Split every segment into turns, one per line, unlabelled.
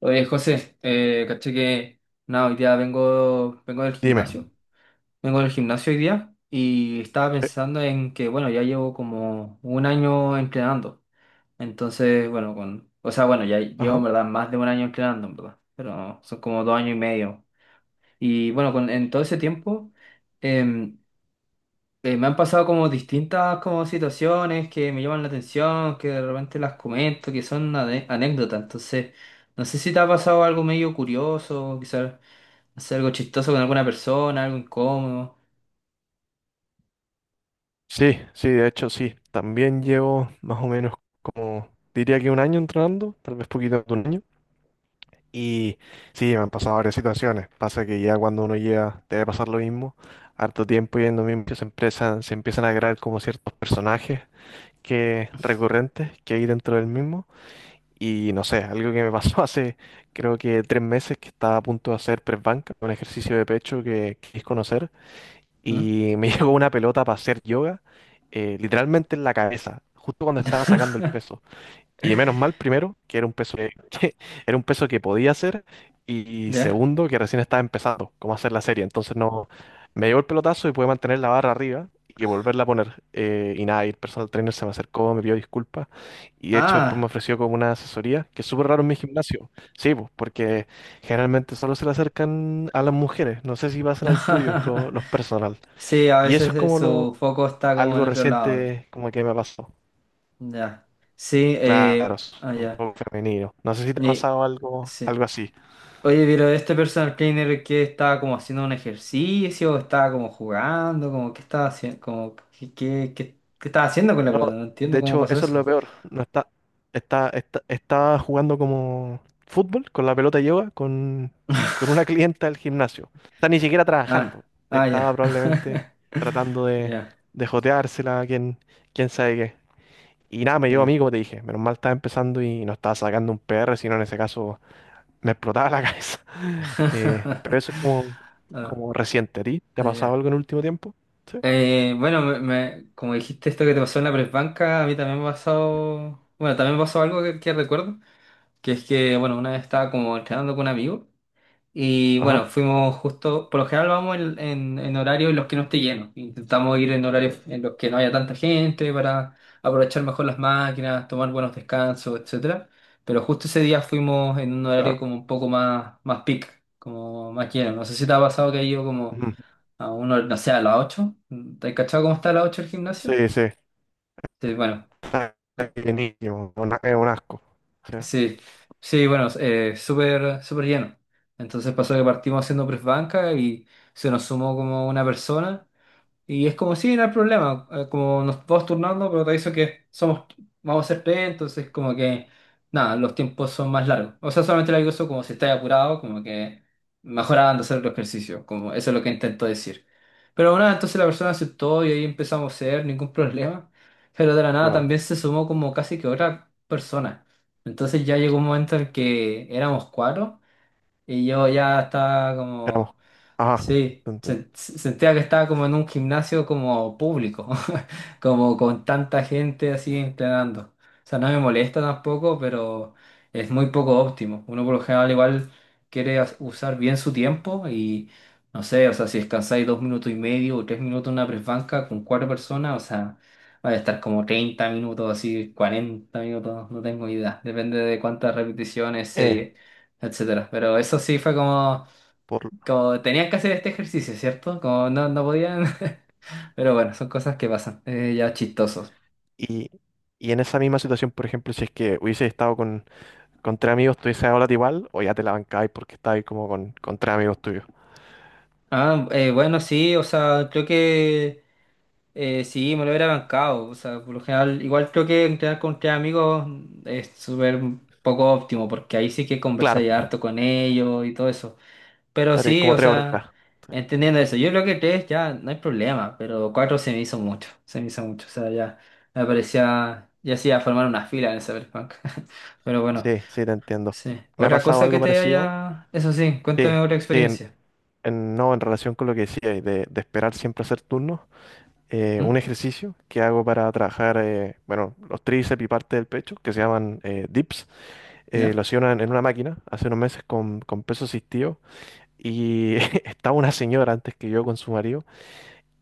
Oye, José, caché que nada, hoy día vengo del
Dime.
gimnasio. Vengo del gimnasio hoy día y estaba
Sí.
pensando en que, bueno, ya llevo como un año entrenando. Entonces, bueno, o sea, bueno, ya llevo en
Ajá.
verdad más de un año entrenando, en verdad, pero son como 2 años y medio. Y bueno, en todo ese tiempo, em, me han pasado como distintas como situaciones que me llaman la atención, que de repente las comento, que son anécdotas. Entonces, no sé si te ha pasado algo medio curioso, quizás, no sé, algo chistoso con alguna persona, algo incómodo.
Sí, sí, de hecho sí. También llevo más o menos como, diría que un año entrenando, tal vez poquito más de un año. Y sí, me han pasado varias situaciones. Pasa que ya cuando uno llega, debe pasar lo mismo. Harto tiempo yendo mismo, que se empiezan a crear como ciertos personajes que recurrentes que hay dentro del mismo. Y no sé, algo que me pasó hace creo que 3 meses que estaba a punto de hacer press banca, un ejercicio de pecho que quis conocer.
¿Mm?
Y me llegó una pelota para hacer yoga, literalmente en la cabeza, justo cuando estaba sacando el peso. Y menos mal, primero, que era un peso que, que era un peso que podía hacer, y
¿Ya?
segundo, que recién estaba empezando, cómo hacer la serie. Entonces no, me llegó el pelotazo y pude mantener la barra arriba. Y volverla a poner. Y nada, y el personal trainer se me acercó, me pidió disculpas. Y de hecho, después me
Ah.
ofreció como una asesoría, que es súper raro en mi gimnasio. Sí, pues, porque generalmente solo se le acercan a las mujeres. No sé si pasa al tuyo, los personal.
Sí, a
Y eso
veces
es como
su foco está como en
algo
otro lado.
reciente como que me pasó.
Ya. Sí,
Claro, es
ah,
un
ya.
poco femenino. No sé si te ha
Y-
pasado algo,
sí.
algo así.
Oye, pero este personal trainer que estaba como haciendo un ejercicio, estaba como jugando, como qué estaba haciendo, como qué, estaba haciendo con la
No,
pelota, no
de
entiendo cómo
hecho,
pasó
eso es lo
eso.
peor. No está jugando como fútbol con la pelota de yoga con una clienta del gimnasio. Está ni siquiera trabajando.
Ah, ah,
Estaba
ya.
probablemente tratando de,
Ya,
de joteársela, quién sabe qué. Y nada, me llevo a mí,
ya.
como te dije. Menos mal estaba empezando y no estaba sacando un PR sino en ese caso me explotaba la cabeza. Pero eso es como,
Ah,
como reciente. ¿A ti te ha
ah,
pasado
ya.
algo en el último tiempo? Sí.
Bueno, como dijiste, esto que te pasó en la press, a mí también me pasó. Bueno, también me pasó algo que recuerdo, que es que, bueno, una vez estaba como entrenando con un amigo. Y bueno,
Ajá,
fuimos justo, por lo general vamos en horarios en los que no esté lleno. Intentamos ir en horarios en los que no haya tanta gente para aprovechar mejor las máquinas, tomar buenos descansos, etcétera. Pero justo ese día fuimos en un
claro.
horario como un poco más peak, como más lleno. No sé si te ha pasado que ha ido como
Ujú.
a uno, no sé, a las 8. ¿Te has cachado cómo está a las 8 el gimnasio?
Sí, sí.
Sí, bueno.
Está de niño, es un asco. Sí,
Sí, sí, bueno, súper, súper lleno. Entonces pasó que partimos haciendo press banca y se nos sumó como una persona, y es como, si no hay problema, como nos vamos turnando, pero te aviso que vamos a ser P, E, entonces como que, nada, los tiempos son más largos. O sea, solamente le digo eso, como si estáis apurado, como que mejorando hacer el ejercicio, como eso es lo que intento decir. Pero bueno, entonces la persona aceptó y ahí empezamos a ser, ningún problema. Pero de la nada
claro.
también se sumó como casi que otra persona. Entonces ya llegó
Sí,
un momento en que éramos cuatro y yo ya estaba
éramos.
como.
Ajá.
Sí,
Te entiendo.
sentía que estaba como en un gimnasio como público, como con tanta gente así entrenando. O sea, no me molesta tampoco, pero es muy poco óptimo. Uno por lo general igual quiere usar bien su tiempo y no sé, o sea, si descansáis 2 minutos y medio o 3 minutos en una press banca con cuatro personas, o sea, va a estar como 30 minutos, así 40 minutos, no tengo idea. Depende de cuántas repeticiones,
Eh,
series, etcétera. Pero eso sí fue como
por,
como tenían que hacer este ejercicio, ¿cierto? Como no, no podían. Pero bueno, son cosas que pasan. Ya chistosos.
y, y en esa misma situación, por ejemplo, si es que hubiese estado con, tres amigos, ¿tú hubieses hablado igual o ya te la bancabas porque estabas como con tres amigos tuyos?
Ah, bueno, sí, o sea, creo que sí, me lo hubiera bancado. O sea, por lo general, igual creo que entrenar con tres amigos es súper poco óptimo, porque ahí sí que
Claro,
conversáis harto con ellos y todo eso. Pero
estaré
sí,
como
o
3 horas.
sea, entendiendo eso, yo creo que tres ya no hay problema, pero cuatro se me hizo mucho. Se me hizo mucho. O sea, ya me parecía, ya sí, a formar una fila en el Cyberpunk. Pero bueno.
Sí, sí, te entiendo.
Sí.
¿Me ha
Otra
pasado
cosa
algo
que te
parecido?
haya. Eso sí,
Sí,
cuéntame otra
sí,
experiencia.
no, en relación con lo que decíais, de esperar siempre hacer turnos, un
¿Mm?
ejercicio que hago para trabajar, bueno, los tríceps y parte del pecho, que se llaman dips, lo
¿Ya?
hacía en una máquina hace unos meses con peso asistido y estaba una señora antes que yo con su marido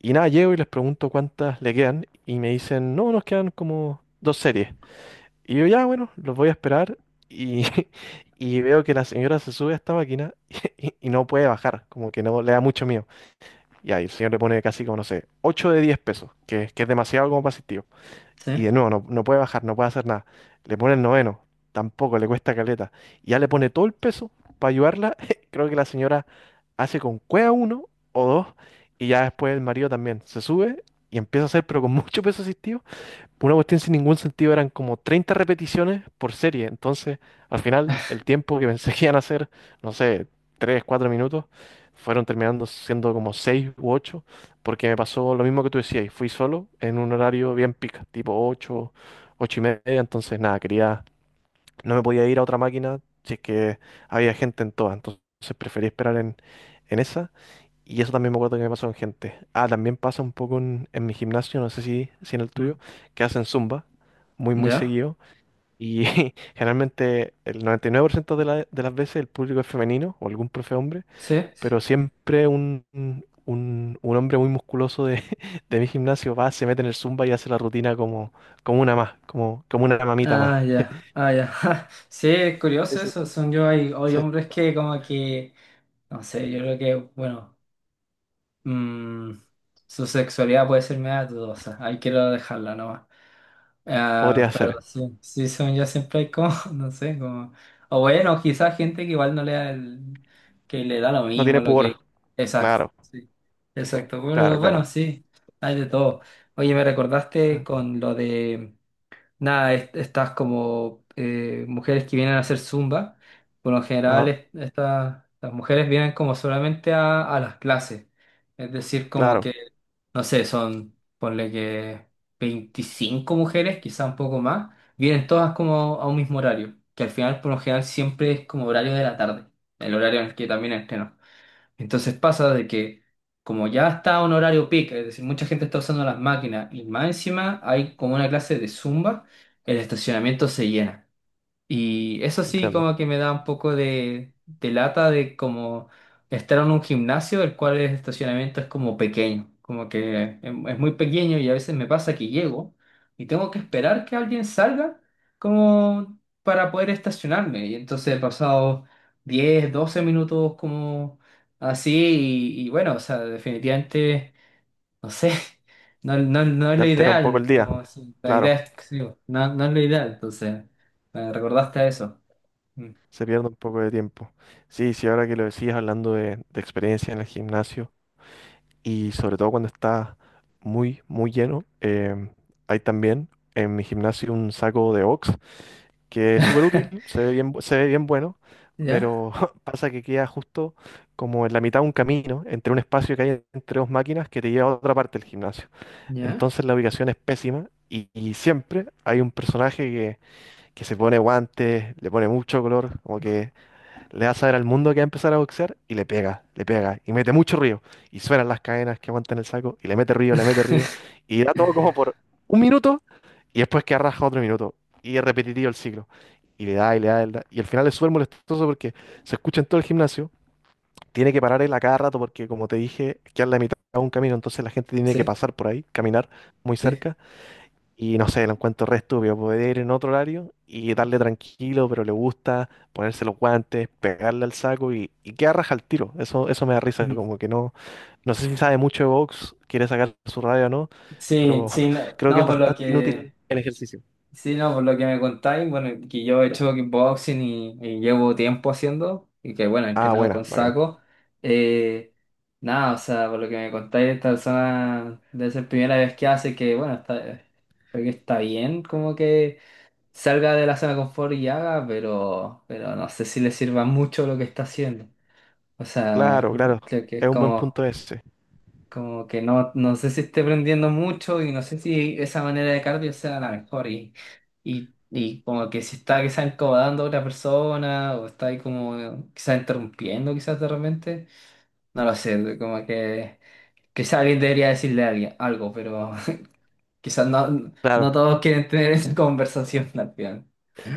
y nada, llego y les pregunto cuántas le quedan y me dicen, no, nos quedan como dos series. Y yo ya, bueno, los voy a esperar y, y veo que la señora se sube a esta máquina y no puede bajar, como que no le da mucho miedo. Y ahí el señor le pone casi como, no sé, 8 de 10 pesos, que es demasiado como para asistir.
Sí.
Y de nuevo, no, no puede bajar, no puede hacer nada. Le pone el noveno, tampoco, le cuesta caleta. Y ya le pone todo el peso para ayudarla. Creo que la señora hace con cueva uno o dos, y ya después el marido también se sube y empieza a hacer, pero con mucho peso asistido. Una cuestión sin ningún sentido eran como 30 repeticiones por serie. Entonces, al final, el tiempo que pensé que iban a hacer, no sé, 3 4 minutos, fueron terminando siendo como 6 u 8 porque me pasó lo mismo que tú decías. Y fui solo en un horario bien pica, tipo 8 8 y media. Entonces, nada, quería, no me podía ir a otra máquina si es que había gente en todas. Entonces, preferí esperar en, esa. Y eso también me acuerdo que me pasó con gente. Ah, también pasa un poco en, mi gimnasio, no sé si en el
¿Mm?
tuyo, que hacen zumba muy, muy
¿Ya?
seguido. Y generalmente el 99% de, de las veces el público es femenino o algún profe hombre,
Sí.
pero siempre un hombre muy musculoso de, de mi gimnasio va, se mete en el zumba y hace la rutina como, como una más, como una mamita más.
Ah, ya. Ah, ya. Ja. Sí, es curioso
Eso
eso. Hay
se
hombres que como que. No sé, yo creo que, bueno. mm, su sexualidad puede ser media dudosa. Hay que dejarla nomás.
podría
Ah, pero
hacer.
sí, sí, según yo siempre hay como, no sé, como, o bueno, quizás gente que igual no le da el, que le da lo
No
mismo,
tiene
lo que,
pudor.
exacto,
Claro,
sí, exacto,
claro,
bueno bueno,
claro.
sí, hay de todo. Oye, me recordaste con lo de nada, estas como mujeres que vienen a hacer zumba. Por lo general
Ajá,
estas, las mujeres vienen como solamente a las clases, es decir, como
claro.
que, no sé, son, ponle que 25 mujeres, quizá un poco más, vienen todas como a un mismo horario, que al final por lo general siempre es como horario de la tarde, el horario en el que también entreno. Entonces pasa de que como ya está un horario peak, es decir, mucha gente está usando las máquinas y más encima hay como una clase de zumba, el estacionamiento se llena. Y eso sí,
Entiendo.
como que me da un poco de, lata de como estar en un gimnasio, el cual el estacionamiento es como pequeño, como que es muy pequeño, y a veces me pasa que llego y tengo que esperar que alguien salga como para poder estacionarme. Y entonces he pasado 10 12 minutos como así, y bueno, o sea, definitivamente no sé, no, no, no es
Te
lo
altera un poco
ideal,
el día.
como la
Claro,
idea es, qué sé no, no es lo ideal, entonces, me recordaste a eso. Mm.
se pierde un poco de tiempo. Sí, sí, ahora que lo decías hablando de experiencia en el gimnasio y sobre todo cuando está muy, muy lleno, hay también en mi gimnasio un saco de box que es súper útil, se ve bien, se ve bien bueno,
¿Ya?
pero pasa que queda justo como en la mitad de un camino, entre un espacio que hay entre dos máquinas que te lleva a otra parte del gimnasio.
¿Ya?
Entonces la ubicación es pésima y siempre hay un personaje que se pone guantes, le pone mucho color, como que le da a saber al mundo que va a empezar a boxear y le pega y mete mucho ruido. Y suenan las cadenas que aguantan el saco y le mete ruido y da todo como por un minuto y después que arrastra otro minuto y es repetitivo el ciclo. Y le da y le da, y le da. Y al final es súper molestoso porque se escucha en todo el gimnasio, tiene que parar él a cada rato porque como te dije, queda en la mitad de un camino, entonces la gente tiene que
Sí,
pasar por ahí, caminar muy
sí.
cerca y no sé, lo encuentro re estúpido. Poder ir en otro horario y darle tranquilo, pero le gusta ponerse los guantes, pegarle al saco y, queda raja al tiro. Eso me da risa,
Ujú.
como que no. No sé si sabe mucho de box, quiere sacar su radio o no,
Sí,
pero
sí, no,
creo que es
no, por lo
bastante
que.
inútil el ejercicio.
Sí, no, por lo que me contáis, bueno, que yo he hecho kickboxing y llevo tiempo haciendo, y que bueno, he
Ah,
entrenado
buena,
con
bacán.
saco. eh, nada, o sea, por lo que me contáis, esta persona debe ser primera vez que hace, que, bueno, está, creo que está bien, como que salga de la zona de confort y haga, pero no sé si le sirva mucho lo que está haciendo. O sea,
Claro, claro.
creo que
Es
es
un buen
como.
punto ese.
Como que no, no sé si esté prendiendo mucho y no sé si esa manera de cardio sea la mejor. Y como que si está quizás incomodando a otra persona o está ahí como quizás interrumpiendo quizás de repente. No lo sé, como que quizás alguien debería decirle a alguien algo, pero quizás no, no
Claro.
todos quieren tener esa conversación al final.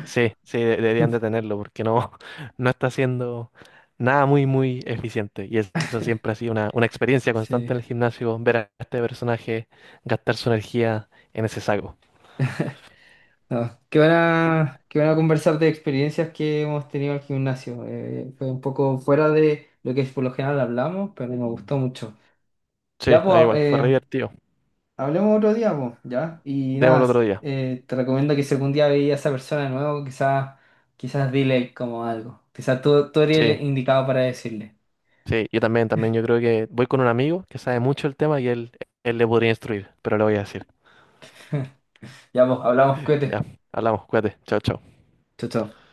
Sí, sí, deberían detenerlo porque no, no está haciendo nada muy, muy eficiente. Y eso siempre ha sido una experiencia constante
Sí.
en el gimnasio, ver a este personaje gastar su energía en ese saco.
No, qué buena conversar de experiencias que hemos tenido al gimnasio. Fue un poco fuera de lo que por lo general hablamos, pero me gustó mucho.
Sí,
Ya,
a mí
pues,
igual, fue re divertido.
hablemos otro día, pues, ya. Y
Démoslo
nada,
otro día.
te recomiendo que si algún día veías a esa persona de nuevo, quizás, quizás dile como algo. Quizás tú eres
Sí,
el indicado para decirle.
sí, yo también, también. Yo creo que voy con un amigo que sabe mucho el tema y él le podría instruir, pero le voy a decir.
Ya, pues, hablamos,
Ya,
cuídate.
hablamos, cuídate. Chao, chao.
Chao, chao.